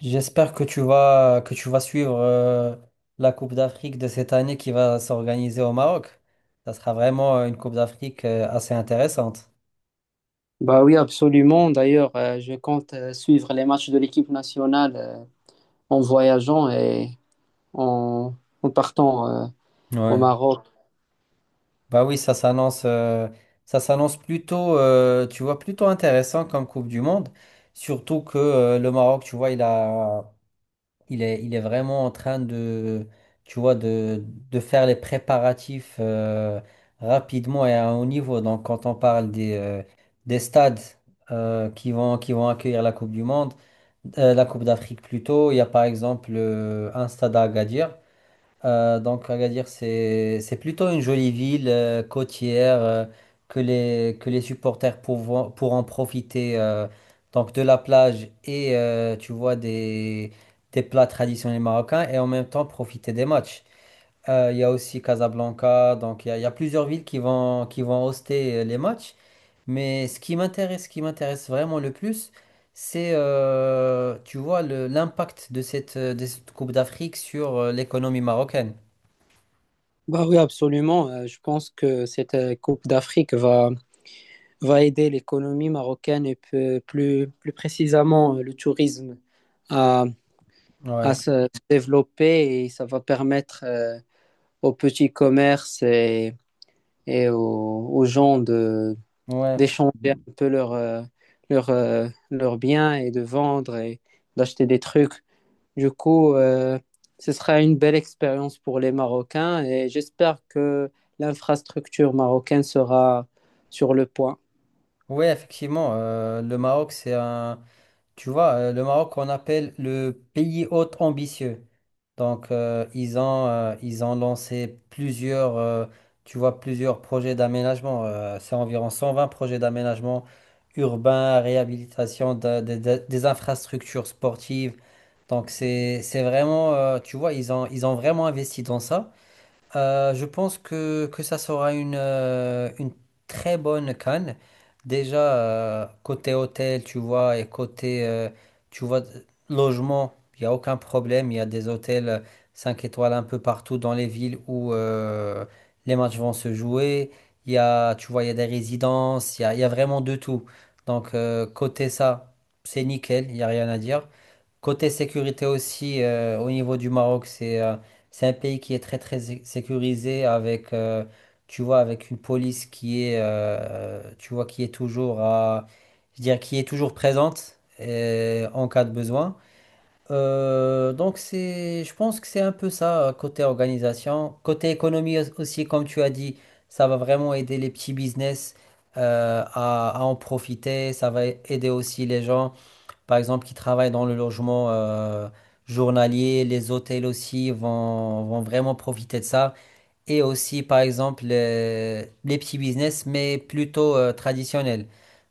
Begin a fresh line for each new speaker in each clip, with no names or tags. J'espère que tu vas suivre la Coupe d'Afrique de cette année qui va s'organiser au Maroc. Ça sera vraiment une Coupe d'Afrique assez intéressante.
Bah oui, absolument. D'ailleurs, je compte suivre les matchs de l'équipe nationale en voyageant et en, en partant au
Ouais.
Maroc.
Bah oui, ça s'annonce plutôt tu vois plutôt intéressant comme Coupe du Monde, surtout que le Maroc, tu vois, il est vraiment en train de, tu vois, de faire les préparatifs rapidement et à un haut niveau. Donc, quand on parle des stades qui vont accueillir la Coupe du Monde, la Coupe d'Afrique plutôt, il y a par exemple un stade à Agadir. Donc Agadir, c'est plutôt une jolie ville côtière que les supporters pourront profiter donc de la plage et tu vois des plats traditionnels marocains et en même temps profiter des matchs. Il y a aussi Casablanca, donc il y a plusieurs villes qui vont hoster les matchs. Mais ce qui m'intéresse vraiment le plus, c'est tu vois l'impact de cette Coupe d'Afrique sur l'économie marocaine.
Bah oui, absolument. Je pense que cette Coupe d'Afrique va aider l'économie marocaine et plus précisément le tourisme à, à
Ouais,
se développer, et ça va permettre aux petits commerces et aux gens
ouais,
d'échanger un peu leurs biens et de vendre et d'acheter des trucs. Du coup, ce sera une belle expérience pour les Marocains, et j'espère que l'infrastructure marocaine sera sur le point.
ouais, effectivement, le Maroc, c'est un, tu vois, le Maroc, on appelle le pays hôte ambitieux. Donc, ils ont lancé plusieurs, tu vois, plusieurs projets d'aménagement. C'est environ 120 projets d'aménagement urbain, réhabilitation des infrastructures sportives. Donc, c'est vraiment, tu vois, ils ont vraiment investi dans ça. Je pense que ça sera une très bonne canne. Déjà, côté hôtel, tu vois, et côté, tu vois, logement, il n'y a aucun problème. Il y a des hôtels 5 étoiles un peu partout dans les villes où les matchs vont se jouer. Il y a, tu vois, il y a des résidences, il y a vraiment de tout. Donc, côté ça, c'est nickel, il n'y a rien à dire. Côté sécurité aussi, au niveau du Maroc, c'est un pays qui est très très sécurisé avec, tu vois, avec une police qui est, tu vois, qui est toujours à, je dirais, qui est toujours présente en cas de besoin. Donc c'est, je pense que c'est un peu ça côté organisation, côté économie aussi, comme tu as dit, ça va vraiment aider les petits business à en profiter, ça va aider aussi les gens par exemple, qui travaillent dans le logement journalier. Les hôtels aussi vont vraiment profiter de ça et aussi par exemple les petits business, mais plutôt traditionnels.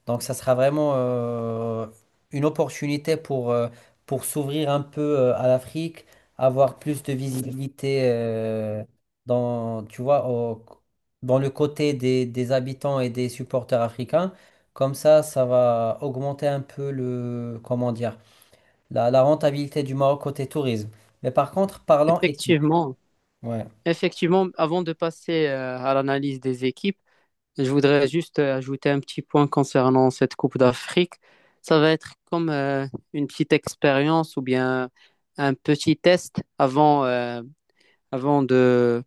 Donc ça sera vraiment une opportunité pour s'ouvrir un peu à l'Afrique, avoir plus de visibilité dans, tu vois, dans le côté des habitants et des supporters africains. Comme ça va augmenter un peu le, comment dire, la rentabilité du Maroc côté tourisme. Mais par contre, parlant équipe.
Effectivement,
Ouais.
effectivement, avant de passer à l'analyse des équipes, je voudrais juste ajouter un petit point concernant cette Coupe d'Afrique. Ça va être comme une petite expérience ou bien un petit test avant de,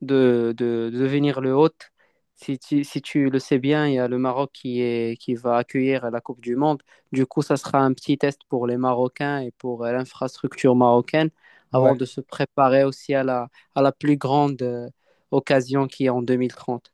de, de- de devenir le hôte. Si tu le sais bien, il y a le Maroc qui va accueillir la Coupe du Monde. Du coup, ça sera un petit test pour les Marocains et pour l'infrastructure marocaine avant
Ouais.
de se préparer aussi à la plus grande occasion qui est en 2030.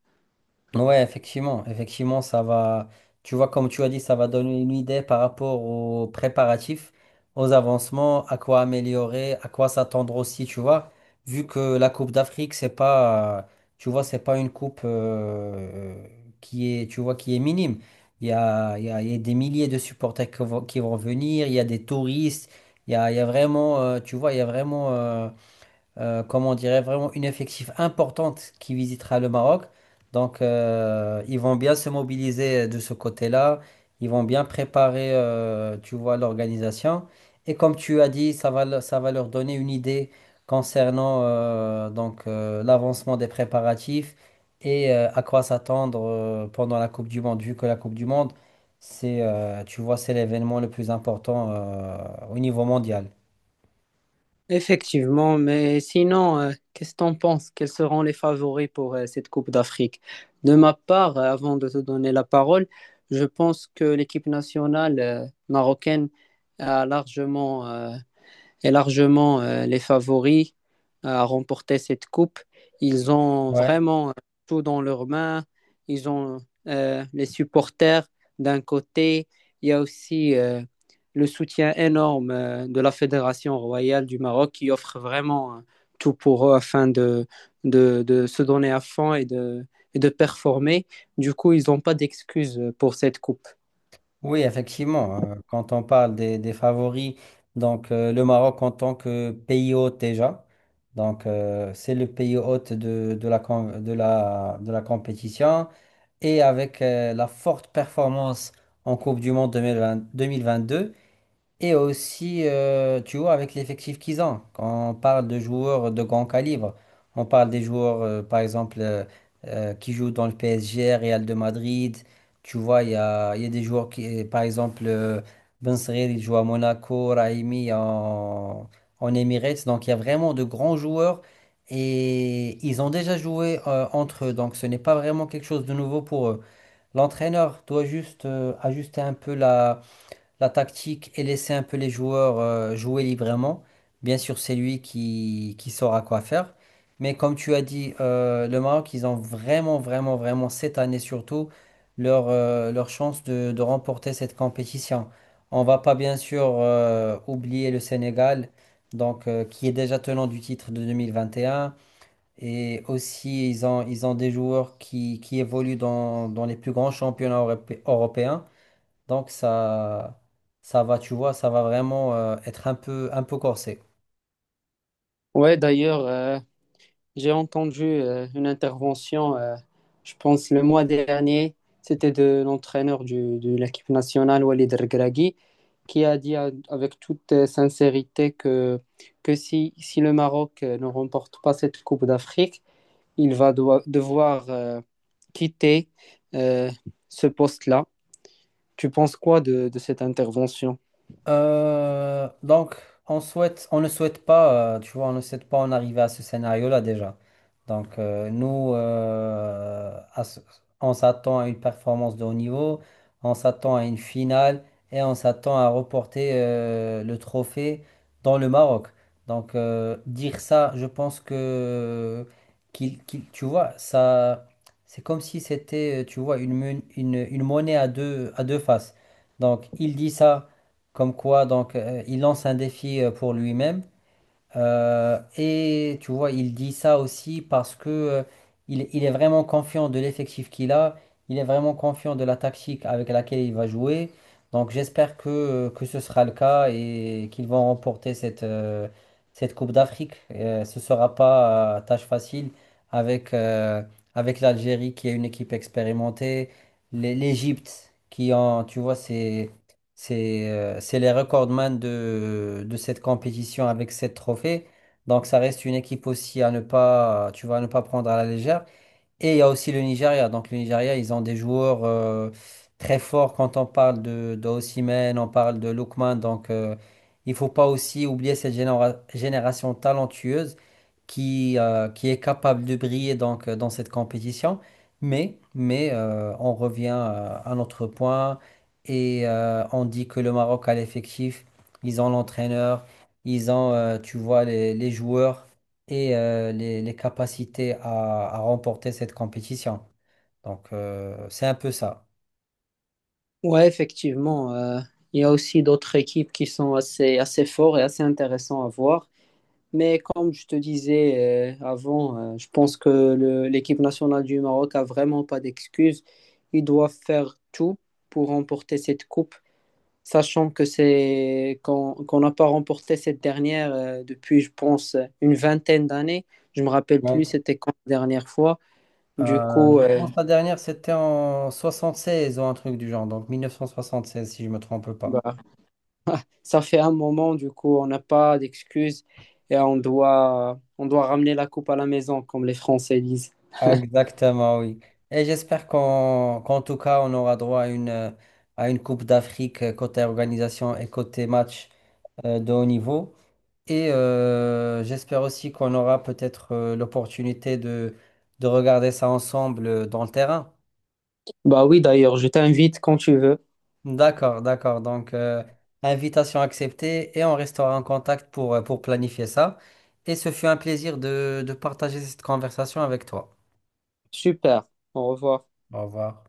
Ouais, effectivement, effectivement, ça va, tu vois, comme tu as dit, ça va donner une idée par rapport aux préparatifs, aux avancements, à quoi améliorer, à quoi s'attendre aussi, tu vois, vu que la Coupe d'Afrique, c'est pas, tu vois, c'est pas une coupe qui est, tu vois, qui est minime. Il y a, il y a des milliers de supporters qui vont venir, il y a des touristes, il y a vraiment, tu vois, il y a vraiment comment on dirait, vraiment une effectif importante qui visitera le Maroc. Donc, ils vont bien se mobiliser de ce côté-là. Ils vont bien préparer, tu vois, l'organisation. Et comme tu as dit, ça va, ça va leur donner une idée concernant donc l'avancement des préparatifs et à quoi s'attendre pendant la Coupe du Monde, vu que la Coupe du Monde, c'est, tu vois, c'est l'événement le plus important au niveau mondial.
Effectivement, mais sinon, qu'est-ce que t'en penses? Quels seront les favoris pour cette Coupe d'Afrique? De ma part, avant de te donner la parole, je pense que l'équipe nationale marocaine a largement est largement les favoris à remporter cette coupe. Ils ont
Ouais.
vraiment tout dans leurs mains. Ils ont les supporters d'un côté. Il y a aussi le soutien énorme de la Fédération royale du Maroc, qui offre vraiment tout pour eux afin de se donner à fond et et de performer. Du coup, ils n'ont pas d'excuses pour cette coupe.
Oui, effectivement, quand on parle des favoris, donc le Maroc en tant que pays hôte déjà, donc c'est le pays hôte de la, com- de la compétition et avec la forte performance en Coupe du Monde 2020 2022, et aussi, tu vois, avec l'effectif qu'ils ont, quand on parle de joueurs de grand calibre, on parle des joueurs, par exemple, qui jouent dans le PSG, Real de Madrid, tu vois, il y a des joueurs qui, par exemple, Ben Seghir, il joue à Monaco, Raimi en, en Emirates, donc il y a vraiment de grands joueurs et ils ont déjà joué entre eux, donc ce n'est pas vraiment quelque chose de nouveau pour eux. L'entraîneur doit juste ajuster un peu la la tactique et laisser un peu les joueurs jouer librement. Bien sûr, c'est lui qui saura quoi faire. Mais comme tu as dit, le Maroc, ils ont vraiment, vraiment, vraiment, cette année surtout, leur chance de remporter cette compétition. On va pas bien sûr oublier le Sénégal, donc, qui est déjà tenant du titre de 2021. Et un. Et aussi, ils ont des joueurs qui évoluent dans, dans les plus grands championnats européens. Donc ça va, tu vois, ça va vraiment être un peu corsé.
Ouais, d'ailleurs, j'ai entendu une intervention, je pense le mois dernier, c'était de l'entraîneur de l'équipe nationale, Walid Regragui, qui a avec toute sincérité que si le Maroc ne remporte pas cette Coupe d'Afrique, il va devoir quitter euh, ce poste-là. Tu penses quoi de cette intervention?
Donc, on souhaite, on ne souhaite pas, tu vois, on ne souhaite pas en arriver à ce scénario-là déjà. Donc, nous, on s'attend à une performance de haut niveau, on s'attend à une finale et on s'attend à reporter le trophée dans le Maroc. Donc, dire ça, je pense que tu vois, ça, c'est comme si c'était, tu vois, une monnaie à deux faces. Donc, il dit ça. Comme quoi, donc, il lance un défi pour lui-même. Et tu vois, il dit ça aussi parce que il est vraiment confiant de l'effectif qu'il a. Il est vraiment confiant de la tactique avec laquelle il va jouer. Donc, j'espère que ce sera le cas et qu'ils vont remporter cette Coupe d'Afrique. Ce ne sera pas tâche facile avec, euh, avec l'Algérie qui est une équipe expérimentée, l'Égypte qui en, tu vois, c'est les recordman de cette compétition avec sept trophées. Donc ça reste une équipe aussi à ne pas, tu vois, à ne pas prendre à la légère. Et il y a aussi le Nigeria. Donc le Nigeria, ils ont des joueurs très forts quand on parle de Osimhen, on parle de Lookman. Donc il faut pas aussi oublier cette génération talentueuse qui est capable de briller donc, dans cette compétition. Mais, on revient à notre point et on dit que le Maroc a l'effectif, ils ont l'entraîneur, ils ont, tu vois, les joueurs et les capacités à remporter cette compétition. Donc, c'est un peu ça.
Ouais, effectivement, il y a aussi d'autres équipes qui sont assez fortes et assez intéressantes à voir. Mais comme je te disais je pense que l'équipe nationale du Maroc a vraiment pas d'excuses. Ils doivent faire tout pour remporter cette coupe, sachant que c'est qu'on qu'on n'a pas remporté cette dernière depuis, je pense, une vingtaine d'années. Je me rappelle plus,
Bon,
c'était quand la dernière fois. Du coup,
je pense que la dernière, c'était en 76 ou un truc du genre, donc 1976, si je me trompe pas.
bah, ça fait un moment. Du coup, on n'a pas d'excuses et on doit ramener la coupe à la maison, comme les Français disent.
Exactement, oui. Et j'espère qu'en tout cas, on aura droit à une Coupe d'Afrique côté organisation et côté match de haut niveau. Et j'espère aussi qu'on aura peut-être l'opportunité de regarder ça ensemble dans le terrain.
Bah oui, d'ailleurs, je t'invite quand tu veux.
D'accord, d'accord. Donc, invitation acceptée et on restera en contact pour planifier ça. Et ce fut un plaisir de partager cette conversation avec toi.
Super, au revoir.
Au revoir.